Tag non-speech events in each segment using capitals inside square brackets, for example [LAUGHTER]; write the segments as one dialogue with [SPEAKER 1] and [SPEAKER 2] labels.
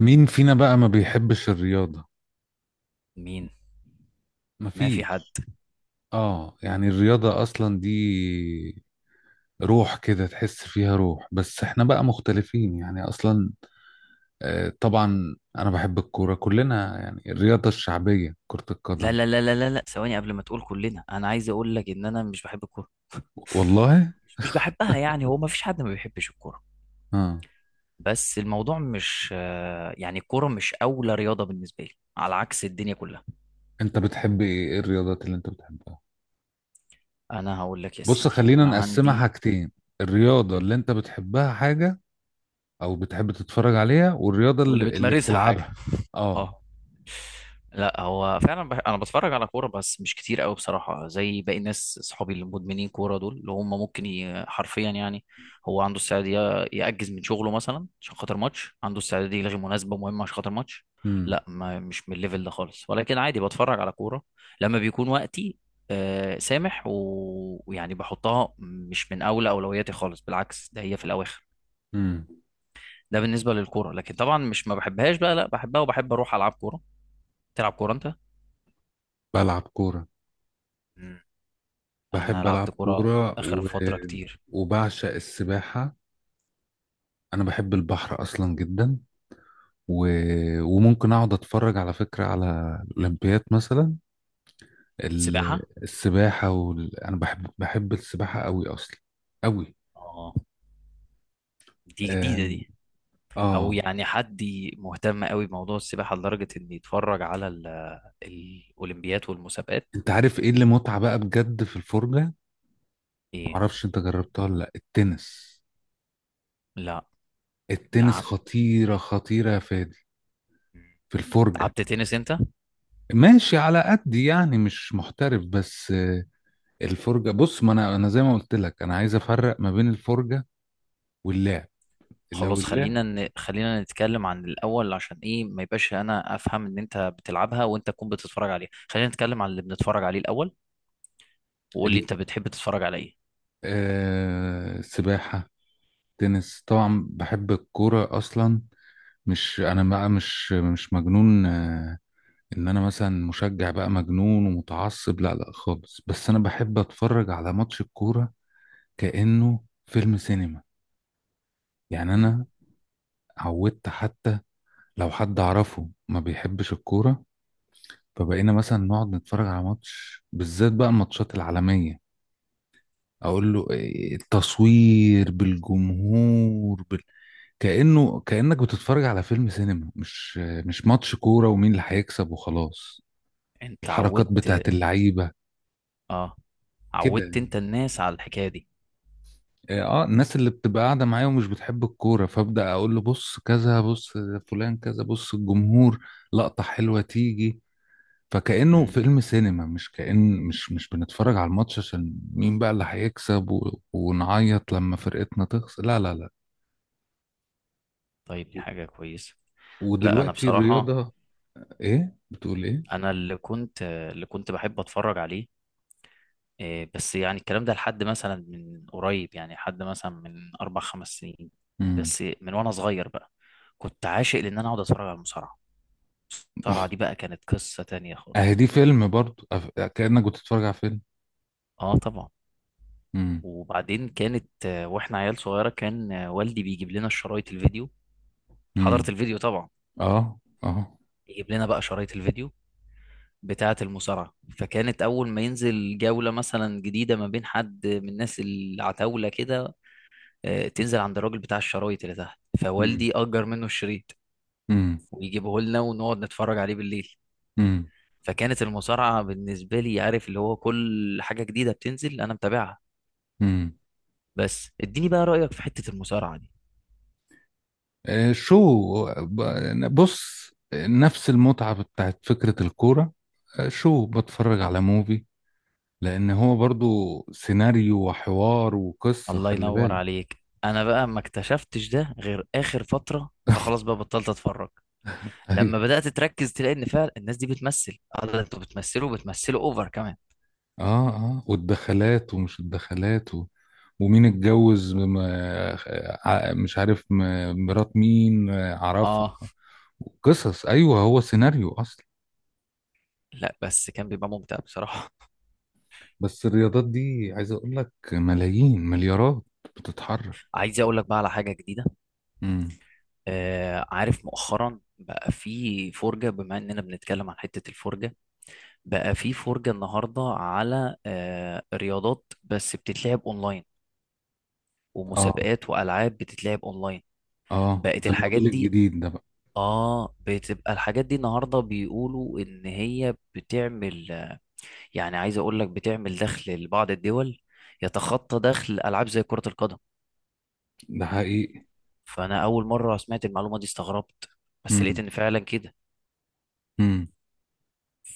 [SPEAKER 1] مين فينا بقى ما بيحبش الرياضة؟
[SPEAKER 2] مين؟ ما في حد.
[SPEAKER 1] مفيش. اه يعني الرياضة اصلا دي روح، كده تحس فيها روح، بس احنا بقى مختلفين يعني اصلا. آه طبعا انا بحب الكورة، كلنا يعني، الرياضة الشعبية كرة
[SPEAKER 2] لا
[SPEAKER 1] القدم.
[SPEAKER 2] لا لا لا لا لا، ثواني، قبل ما تقول كلنا انا عايز اقول لك ان انا مش بحب الكوره.
[SPEAKER 1] والله.
[SPEAKER 2] مش بحبها، يعني هو ما فيش حد ما بيحبش الكوره.
[SPEAKER 1] اه.
[SPEAKER 2] بس الموضوع مش يعني الكوره مش اولى رياضه بالنسبه لي، على عكس الدنيا كلها.
[SPEAKER 1] انت بتحب ايه؟ إيه الرياضات اللي انت بتحبها؟
[SPEAKER 2] انا هقول لك يا
[SPEAKER 1] بص
[SPEAKER 2] سيدي
[SPEAKER 1] خلينا
[SPEAKER 2] انا
[SPEAKER 1] نقسمها
[SPEAKER 2] عندي.
[SPEAKER 1] حاجتين: الرياضة اللي انت بتحبها حاجة، او بتحب تتفرج عليها، والرياضة
[SPEAKER 2] واللي
[SPEAKER 1] اللي
[SPEAKER 2] بتمارسها حاجه.
[SPEAKER 1] بتلعبها. اه.
[SPEAKER 2] اه. لا، هو فعلا انا بتفرج على كوره بس مش كتير قوي بصراحه، زي باقي الناس. اصحابي اللي مدمنين كوره دول اللي هم ممكن حرفيا، يعني هو عنده استعداد ياجز من شغله مثلا عشان خاطر ماتش، عنده استعداد يلغي مناسبه مهمه عشان خاطر ماتش.
[SPEAKER 1] امم
[SPEAKER 2] لا ما... مش من الليفل ده خالص، ولكن عادي بتفرج على كوره لما بيكون وقتي. سامح و- ويعني بحطها مش من اولى اولوياتي خالص، بالعكس ده هي في الاواخر.
[SPEAKER 1] امم.
[SPEAKER 2] ده بالنسبه للكوره، لكن طبعا مش ما بحبهاش بقى، لا بحبها وبحب اروح العب كوره. تلعب كوره انت؟
[SPEAKER 1] بلعب كورة.
[SPEAKER 2] مم. انا
[SPEAKER 1] بحب ألعب
[SPEAKER 2] لعبت كوره
[SPEAKER 1] كورة
[SPEAKER 2] اخر
[SPEAKER 1] و...
[SPEAKER 2] فتره كتير.
[SPEAKER 1] وبعشق السباحة. أنا بحب البحر أصلا جدا و... وممكن أقعد أتفرج على فكرة على الأولمبياد مثلا. ال...
[SPEAKER 2] سباحه.
[SPEAKER 1] السباحة وال... أنا بحب السباحة أوي أصلا، أوي.
[SPEAKER 2] اه، دي جديده
[SPEAKER 1] آم،
[SPEAKER 2] دي. او
[SPEAKER 1] آه.
[SPEAKER 2] يعني حد مهتم قوي بموضوع السباحه لدرجه ان يتفرج على الاولمبيات والمسابقات.
[SPEAKER 1] أنت عارف إيه اللي متعة بقى بجد في الفرجة؟
[SPEAKER 2] ايه؟
[SPEAKER 1] معرفش أنت جربتها ولا لأ، التنس.
[SPEAKER 2] لا.
[SPEAKER 1] التنس
[SPEAKER 2] لعبت.
[SPEAKER 1] خطيرة، خطيرة يا فادي،
[SPEAKER 2] مم.
[SPEAKER 1] في الفرجة.
[SPEAKER 2] لعبت تنس انت؟
[SPEAKER 1] ماشي على قد يعني، مش محترف. بس الفرجة بص، ما انا زي ما قلت لك، انا عايز افرق ما بين الفرجة واللعب. لو
[SPEAKER 2] خلاص،
[SPEAKER 1] اللعب
[SPEAKER 2] خلينا نتكلم عن الاول عشان ايه ما يبقاش انا افهم ان انت بتلعبها وانت تكون بتتفرج عليها. خلينا نتكلم عن اللي بنتفرج عليه الاول، وقول لي
[SPEAKER 1] ال-.
[SPEAKER 2] انت بتحب تتفرج على ايه.
[SPEAKER 1] آه السباحة، تنس، طبعا بحب الكورة اصلا. مش انا بقى مش مجنون. ان انا مثلا مشجع بقى مجنون ومتعصب، لا لا خالص، بس انا بحب اتفرج على ماتش الكورة كأنه فيلم سينما. يعني
[SPEAKER 2] امم.
[SPEAKER 1] انا عودت حتى، لو حد اعرفه ما بيحبش الكورة فبقينا مثلا نقعد نتفرج على ماتش، بالذات بقى الماتشات العالمية، اقول له التصوير، بالجمهور، بال... كأنه، كأنك بتتفرج على فيلم سينما، مش ماتش كورة ومين اللي هيكسب وخلاص.
[SPEAKER 2] انت
[SPEAKER 1] الحركات بتاعت
[SPEAKER 2] عودت.
[SPEAKER 1] اللعيبة
[SPEAKER 2] اه،
[SPEAKER 1] كده
[SPEAKER 2] عودت
[SPEAKER 1] يعني.
[SPEAKER 2] انت الناس على الحكايه دي.
[SPEAKER 1] اه، الناس اللي بتبقى قاعدة معايا ومش بتحب الكورة فأبدأ اقول له: بص كذا، بص فلان كذا، بص الجمهور، لقطة حلوة تيجي. فكأنه
[SPEAKER 2] امم.
[SPEAKER 1] فيلم سينما، مش كأن مش مش بنتفرج على الماتش عشان مين بقى اللي هيكسب و... ونعيط لما فرقتنا تخسر، لا لا لا.
[SPEAKER 2] طيب، دي حاجه كويسه. لا، انا
[SPEAKER 1] ودلوقتي
[SPEAKER 2] بصراحه.
[SPEAKER 1] الرياضة، ايه بتقول ايه؟
[SPEAKER 2] انا اللي كنت بحب اتفرج عليه، إيه، بس يعني الكلام ده لحد مثلا من قريب، يعني لحد مثلا من 4 5 سنين.
[SPEAKER 1] امم.
[SPEAKER 2] بس من وانا صغير بقى كنت عاشق لان انا اقعد اتفرج على المصارعه. المصارعه دي
[SPEAKER 1] [LAUGHS]
[SPEAKER 2] بقى كانت قصه تانية
[SPEAKER 1] اهي
[SPEAKER 2] خالص.
[SPEAKER 1] دي فيلم برضو، كأنك بتتفرج على فيلم.
[SPEAKER 2] اه طبعا.
[SPEAKER 1] امم.
[SPEAKER 2] وبعدين كانت واحنا عيال صغيره كان والدي بيجيب لنا الشرايط الفيديو.
[SPEAKER 1] امم.
[SPEAKER 2] حضرت الفيديو طبعا.
[SPEAKER 1] اه اه.
[SPEAKER 2] يجيب لنا بقى شرايط الفيديو بتاعة المصارعة. فكانت أول ما ينزل جولة مثلا جديدة ما بين حد من الناس العتاولة كده، تنزل عند الراجل بتاع الشرايط اللي تحت،
[SPEAKER 1] امم.
[SPEAKER 2] فوالدي أجر منه الشريط
[SPEAKER 1] امم.
[SPEAKER 2] ويجيبه لنا ونقعد نتفرج عليه بالليل.
[SPEAKER 1] امم.
[SPEAKER 2] فكانت المصارعة بالنسبة لي، عارف، اللي هو كل حاجة جديدة بتنزل أنا متابعها.
[SPEAKER 1] امم.
[SPEAKER 2] بس اديني بقى رأيك في حتة المصارعة دي.
[SPEAKER 1] شو، بص نفس المتعة بتاعت فكرة الكورة. آه، شو، بتفرج على موفي. لأن هو برضو سيناريو وحوار وقصة،
[SPEAKER 2] الله
[SPEAKER 1] خلي
[SPEAKER 2] ينور
[SPEAKER 1] بالك.
[SPEAKER 2] عليك. أنا بقى ما اكتشفتش ده غير آخر فترة، فخلاص بقى بطلت أتفرج. لما
[SPEAKER 1] [LAUGHS]
[SPEAKER 2] بدأت تركز تلاقي ان فعلا الناس دي بتمثل. اه ده انتوا بتمثلوا اوفر كمان.
[SPEAKER 1] اه اه، والدخلات ومش الدخلات و... ومين اتجوز مش عارف مرات مين آه، عرفها.
[SPEAKER 2] اه.
[SPEAKER 1] قصص، ايوه، هو سيناريو اصلا.
[SPEAKER 2] لا بس كان بيبقى ممتع بصراحة.
[SPEAKER 1] بس الرياضات دي عايز اقول لك ملايين مليارات بتتحرك.
[SPEAKER 2] [LAUGHS] عايز اقول لك بقى على حاجة جديدة.
[SPEAKER 1] امم.
[SPEAKER 2] آه عارف مؤخرا بقى في فرجة. بما اننا بنتكلم عن حتة الفرجة، بقى في فرجة النهاردة على رياضات بس بتتلعب اونلاين
[SPEAKER 1] اه
[SPEAKER 2] ومسابقات والعاب بتتلعب اونلاين.
[SPEAKER 1] اه،
[SPEAKER 2] بقت
[SPEAKER 1] ده
[SPEAKER 2] الحاجات
[SPEAKER 1] الموديل
[SPEAKER 2] دي.
[SPEAKER 1] الجديد ده بقى.
[SPEAKER 2] اه، بتبقى الحاجات دي النهارده بيقولوا ان هي بتعمل، يعني عايز اقول لك بتعمل دخل لبعض الدول يتخطى دخل العاب زي كرة القدم.
[SPEAKER 1] ده حقيقي.
[SPEAKER 2] فانا اول مرة سمعت المعلومة دي استغربت، بس لقيت
[SPEAKER 1] امم.
[SPEAKER 2] ان فعلا كده.
[SPEAKER 1] امم.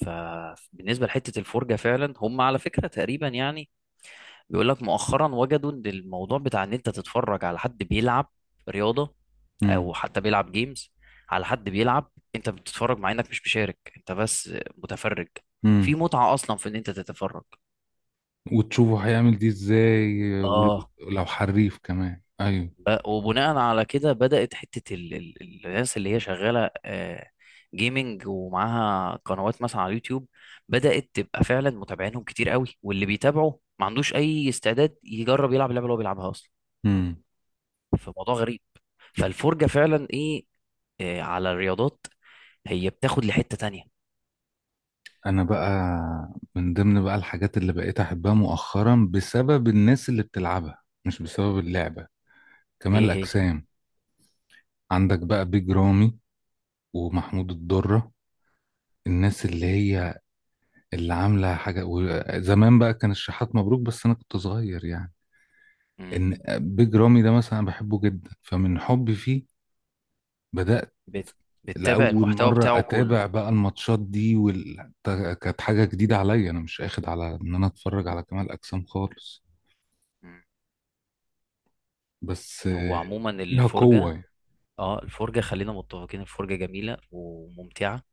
[SPEAKER 2] فبالنسبة لحتة الفرجة فعلا، هم على فكرة تقريبا يعني بيقول لك مؤخرا وجدوا ان الموضوع بتاع ان انت تتفرج على حد بيلعب رياضة،
[SPEAKER 1] امم.
[SPEAKER 2] او حتى بيلعب جيمز، على حد بيلعب انت بتتفرج، مع انك مش مشارك، انت بس متفرج. في
[SPEAKER 1] امم.
[SPEAKER 2] متعة اصلا في ان انت تتفرج.
[SPEAKER 1] وتشوفوا هيعمل دي ازاي آه، ولو
[SPEAKER 2] اه
[SPEAKER 1] لو حريف كمان.
[SPEAKER 2] ب- وبناء على كده بدأت حتة الناس اللي هي شغالة جيمنج ومعاها قنوات مثلا على اليوتيوب، بدأت تبقى فعلا متابعينهم كتير قوي، واللي بيتابعه ما عندوش أي استعداد يجرب يلعب اللعبة اللي هو بيلعبها أصلا.
[SPEAKER 1] ايوه.
[SPEAKER 2] فموضوع غريب. فالفرجة فعلا إيه، على الرياضات، هي بتاخد لحتة تانية.
[SPEAKER 1] انا بقى من ضمن بقى الحاجات اللي بقيت احبها مؤخرا بسبب الناس اللي بتلعبها مش بسبب اللعبة، كمال
[SPEAKER 2] إيه هي؟
[SPEAKER 1] الاجسام. عندك بقى بيج رامي، ومحمود الضرة، الناس اللي هي اللي عاملة حاجة. وزمان بقى كان الشحات مبروك بس انا كنت صغير يعني.
[SPEAKER 2] مم.
[SPEAKER 1] ان بيج رامي ده مثلا أنا بحبه جدا، فمن حبي فيه بدأت
[SPEAKER 2] بت- بتتابع
[SPEAKER 1] لأول
[SPEAKER 2] المحتوى
[SPEAKER 1] مرة
[SPEAKER 2] بتاعه كله.
[SPEAKER 1] أتابع بقى الماتشات دي وال... كانت حاجة جديدة عليا، أنا مش أخد على إن أنا أتفرج على كمال أجسام خالص.
[SPEAKER 2] مم.
[SPEAKER 1] بس
[SPEAKER 2] هو
[SPEAKER 1] آه،
[SPEAKER 2] عموما
[SPEAKER 1] ليها قوة
[SPEAKER 2] الفرجة،
[SPEAKER 1] يعني.
[SPEAKER 2] اه الفرجة، خلينا متفقين، الفرجة جميلة وممتعة،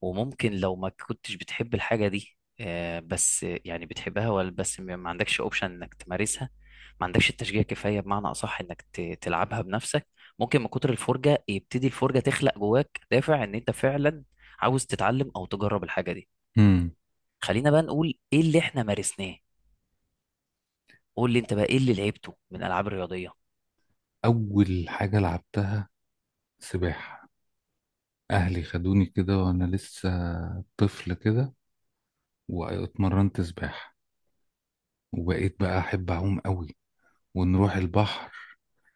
[SPEAKER 2] وممكن لو ما كنتش بتحب الحاجة دي بس يعني بتحبها، ولا بس ما عندكش اوبشن انك تمارسها، ما عندكش التشجيع كفاية، بمعنى اصح انك تلعبها بنفسك، ممكن من كتر الفرجة يبتدي الفرجة تخلق جواك دافع ان انت فعلا عاوز تتعلم او تجرب الحاجة دي.
[SPEAKER 1] امم.
[SPEAKER 2] خلينا بقى نقول ايه اللي احنا مارسناه. قول لي انت بقى ايه اللي لعبته من العاب رياضية.
[SPEAKER 1] أول حاجة لعبتها سباحة. أهلي خدوني كده وأنا لسه طفل كده، واتمرنت سباحة وبقيت بقى أحب أعوم قوي، ونروح البحر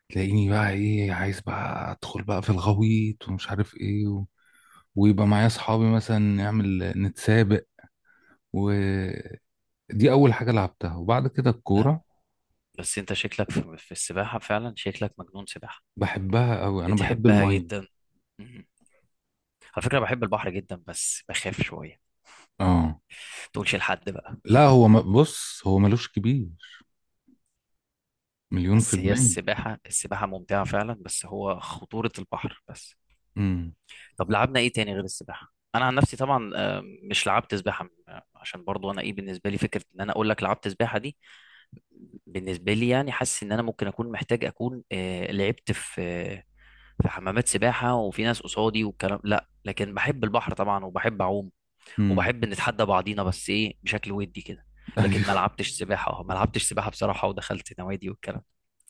[SPEAKER 1] تلاقيني بقى إيه، عايز بقى أدخل بقى في الغويط ومش عارف إيه و... ويبقى معايا أصحابي مثلا نعمل نتسابق. ودي أول حاجة لعبتها، وبعد كده
[SPEAKER 2] آه،
[SPEAKER 1] الكورة.
[SPEAKER 2] بس انت شكلك في السباحة فعلا، شكلك مجنون سباحة.
[SPEAKER 1] بحبها قوي، أنا بحب
[SPEAKER 2] بتحبها
[SPEAKER 1] المية.
[SPEAKER 2] جدا. مم. على فكرة بحب البحر جدا، بس بخاف شوية.
[SPEAKER 1] آه.
[SPEAKER 2] تقولش لحد بقى.
[SPEAKER 1] لا هو بص هو ملوش كبير، مليون في
[SPEAKER 2] بس هي
[SPEAKER 1] المية.
[SPEAKER 2] السباحة، السباحة ممتعة فعلا، بس هو خطورة البحر بس.
[SPEAKER 1] امم.
[SPEAKER 2] طب لعبنا ايه تاني غير السباحة؟ انا عن نفسي طبعا مش لعبت سباحة عشان برضو انا ايه، بالنسبة لي فكرة ان انا اقول لك لعبت سباحة دي، بالنسبة لي يعني حاسس ان انا ممكن اكون محتاج اكون لعبت في في حمامات سباحة وفي ناس قصادي والكلام، لا. لكن بحب البحر طبعا وبحب اعوم
[SPEAKER 1] امم.
[SPEAKER 2] وبحب نتحدى بعضينا، بس ايه، بشكل ودي كده.
[SPEAKER 1] [LAUGHS]
[SPEAKER 2] لكن ما
[SPEAKER 1] ايوه.
[SPEAKER 2] لعبتش سباحة. اه ما لعبتش سباحة بصراحة ودخلت نوادي والكلام.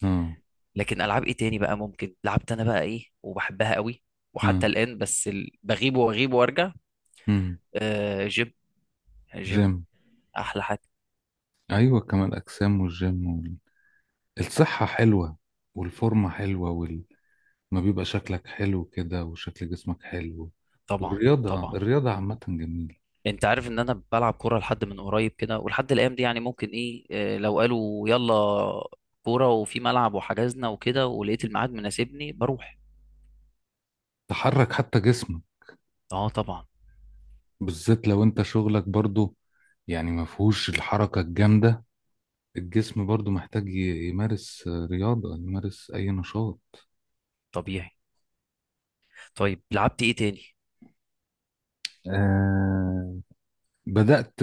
[SPEAKER 1] اه
[SPEAKER 2] لكن العاب ايه تاني بقى ممكن لعبت انا بقى ايه وبحبها قوي
[SPEAKER 1] اه.
[SPEAKER 2] وحتى الان، بس بغيب واغيب وارجع.
[SPEAKER 1] امم.
[SPEAKER 2] آه جيم. جيم.
[SPEAKER 1] جيم.
[SPEAKER 2] احلى حاجه.
[SPEAKER 1] ايوه، كمال اجسام والجيم وال... الصحة حلوة، والفورمة حلوة وال... ما بيبقى شكلك حلو كده وشكل جسمك حلو.
[SPEAKER 2] طبعا. طبعا.
[SPEAKER 1] الرياضة عامة جميلة.
[SPEAKER 2] انت عارف ان انا بلعب كوره لحد من قريب كده، ولحد الايام دي يعني ممكن ايه، آه لو قالوا يلا كوره وفي ملعب وحجزنا وكده ولقيت الميعاد مناسبني بروح.
[SPEAKER 1] تحرك حتى جسمك،
[SPEAKER 2] اه طبعا.
[SPEAKER 1] بالذات لو انت شغلك برضو يعني ما فيهوش الحركة الجامدة، الجسم برضو محتاج يمارس رياضة، يمارس أي نشاط.
[SPEAKER 2] طبيعي. طيب لعبت ايه تاني؟
[SPEAKER 1] آه بدأت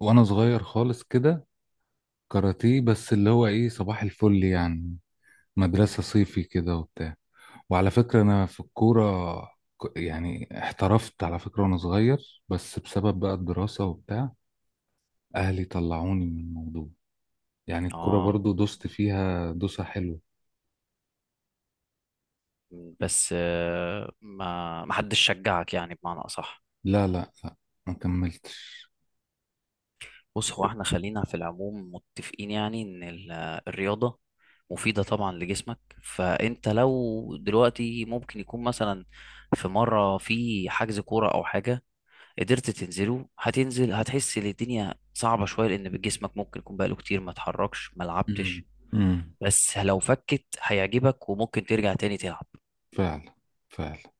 [SPEAKER 1] وانا صغير خالص كده كاراتيه، بس اللي هو ايه، صباح الفل يعني، مدرسة
[SPEAKER 2] مم.
[SPEAKER 1] صيفي كده وبتاع. وعلى فكرة انا في الكورة يعني احترفت على فكرة وانا صغير، بس بسبب بقى الدراسة وبتاع اهلي طلعوني من الموضوع. يعني الكورة
[SPEAKER 2] اه،
[SPEAKER 1] برضو دوست فيها دوسة حلوة،
[SPEAKER 2] بس آه ما حدش شجعك، يعني بمعنى اصح.
[SPEAKER 1] لا لا لا ما كملتش.
[SPEAKER 2] بص هو احنا خلينا في العموم متفقين يعني ان الرياضة مفيدة طبعا لجسمك، فانت لو دلوقتي ممكن يكون مثلا في مرة في حجز كورة او حاجة قدرت تنزله هتنزل، هتحس ان الدنيا صعبة شوية لان جسمك ممكن يكون بقاله كتير ما اتحركش ما
[SPEAKER 1] امم.
[SPEAKER 2] لعبتش.
[SPEAKER 1] امم.
[SPEAKER 2] بس لو فكت هيعجبك وممكن ترجع تاني تلعب.
[SPEAKER 1] فعلا فعلا.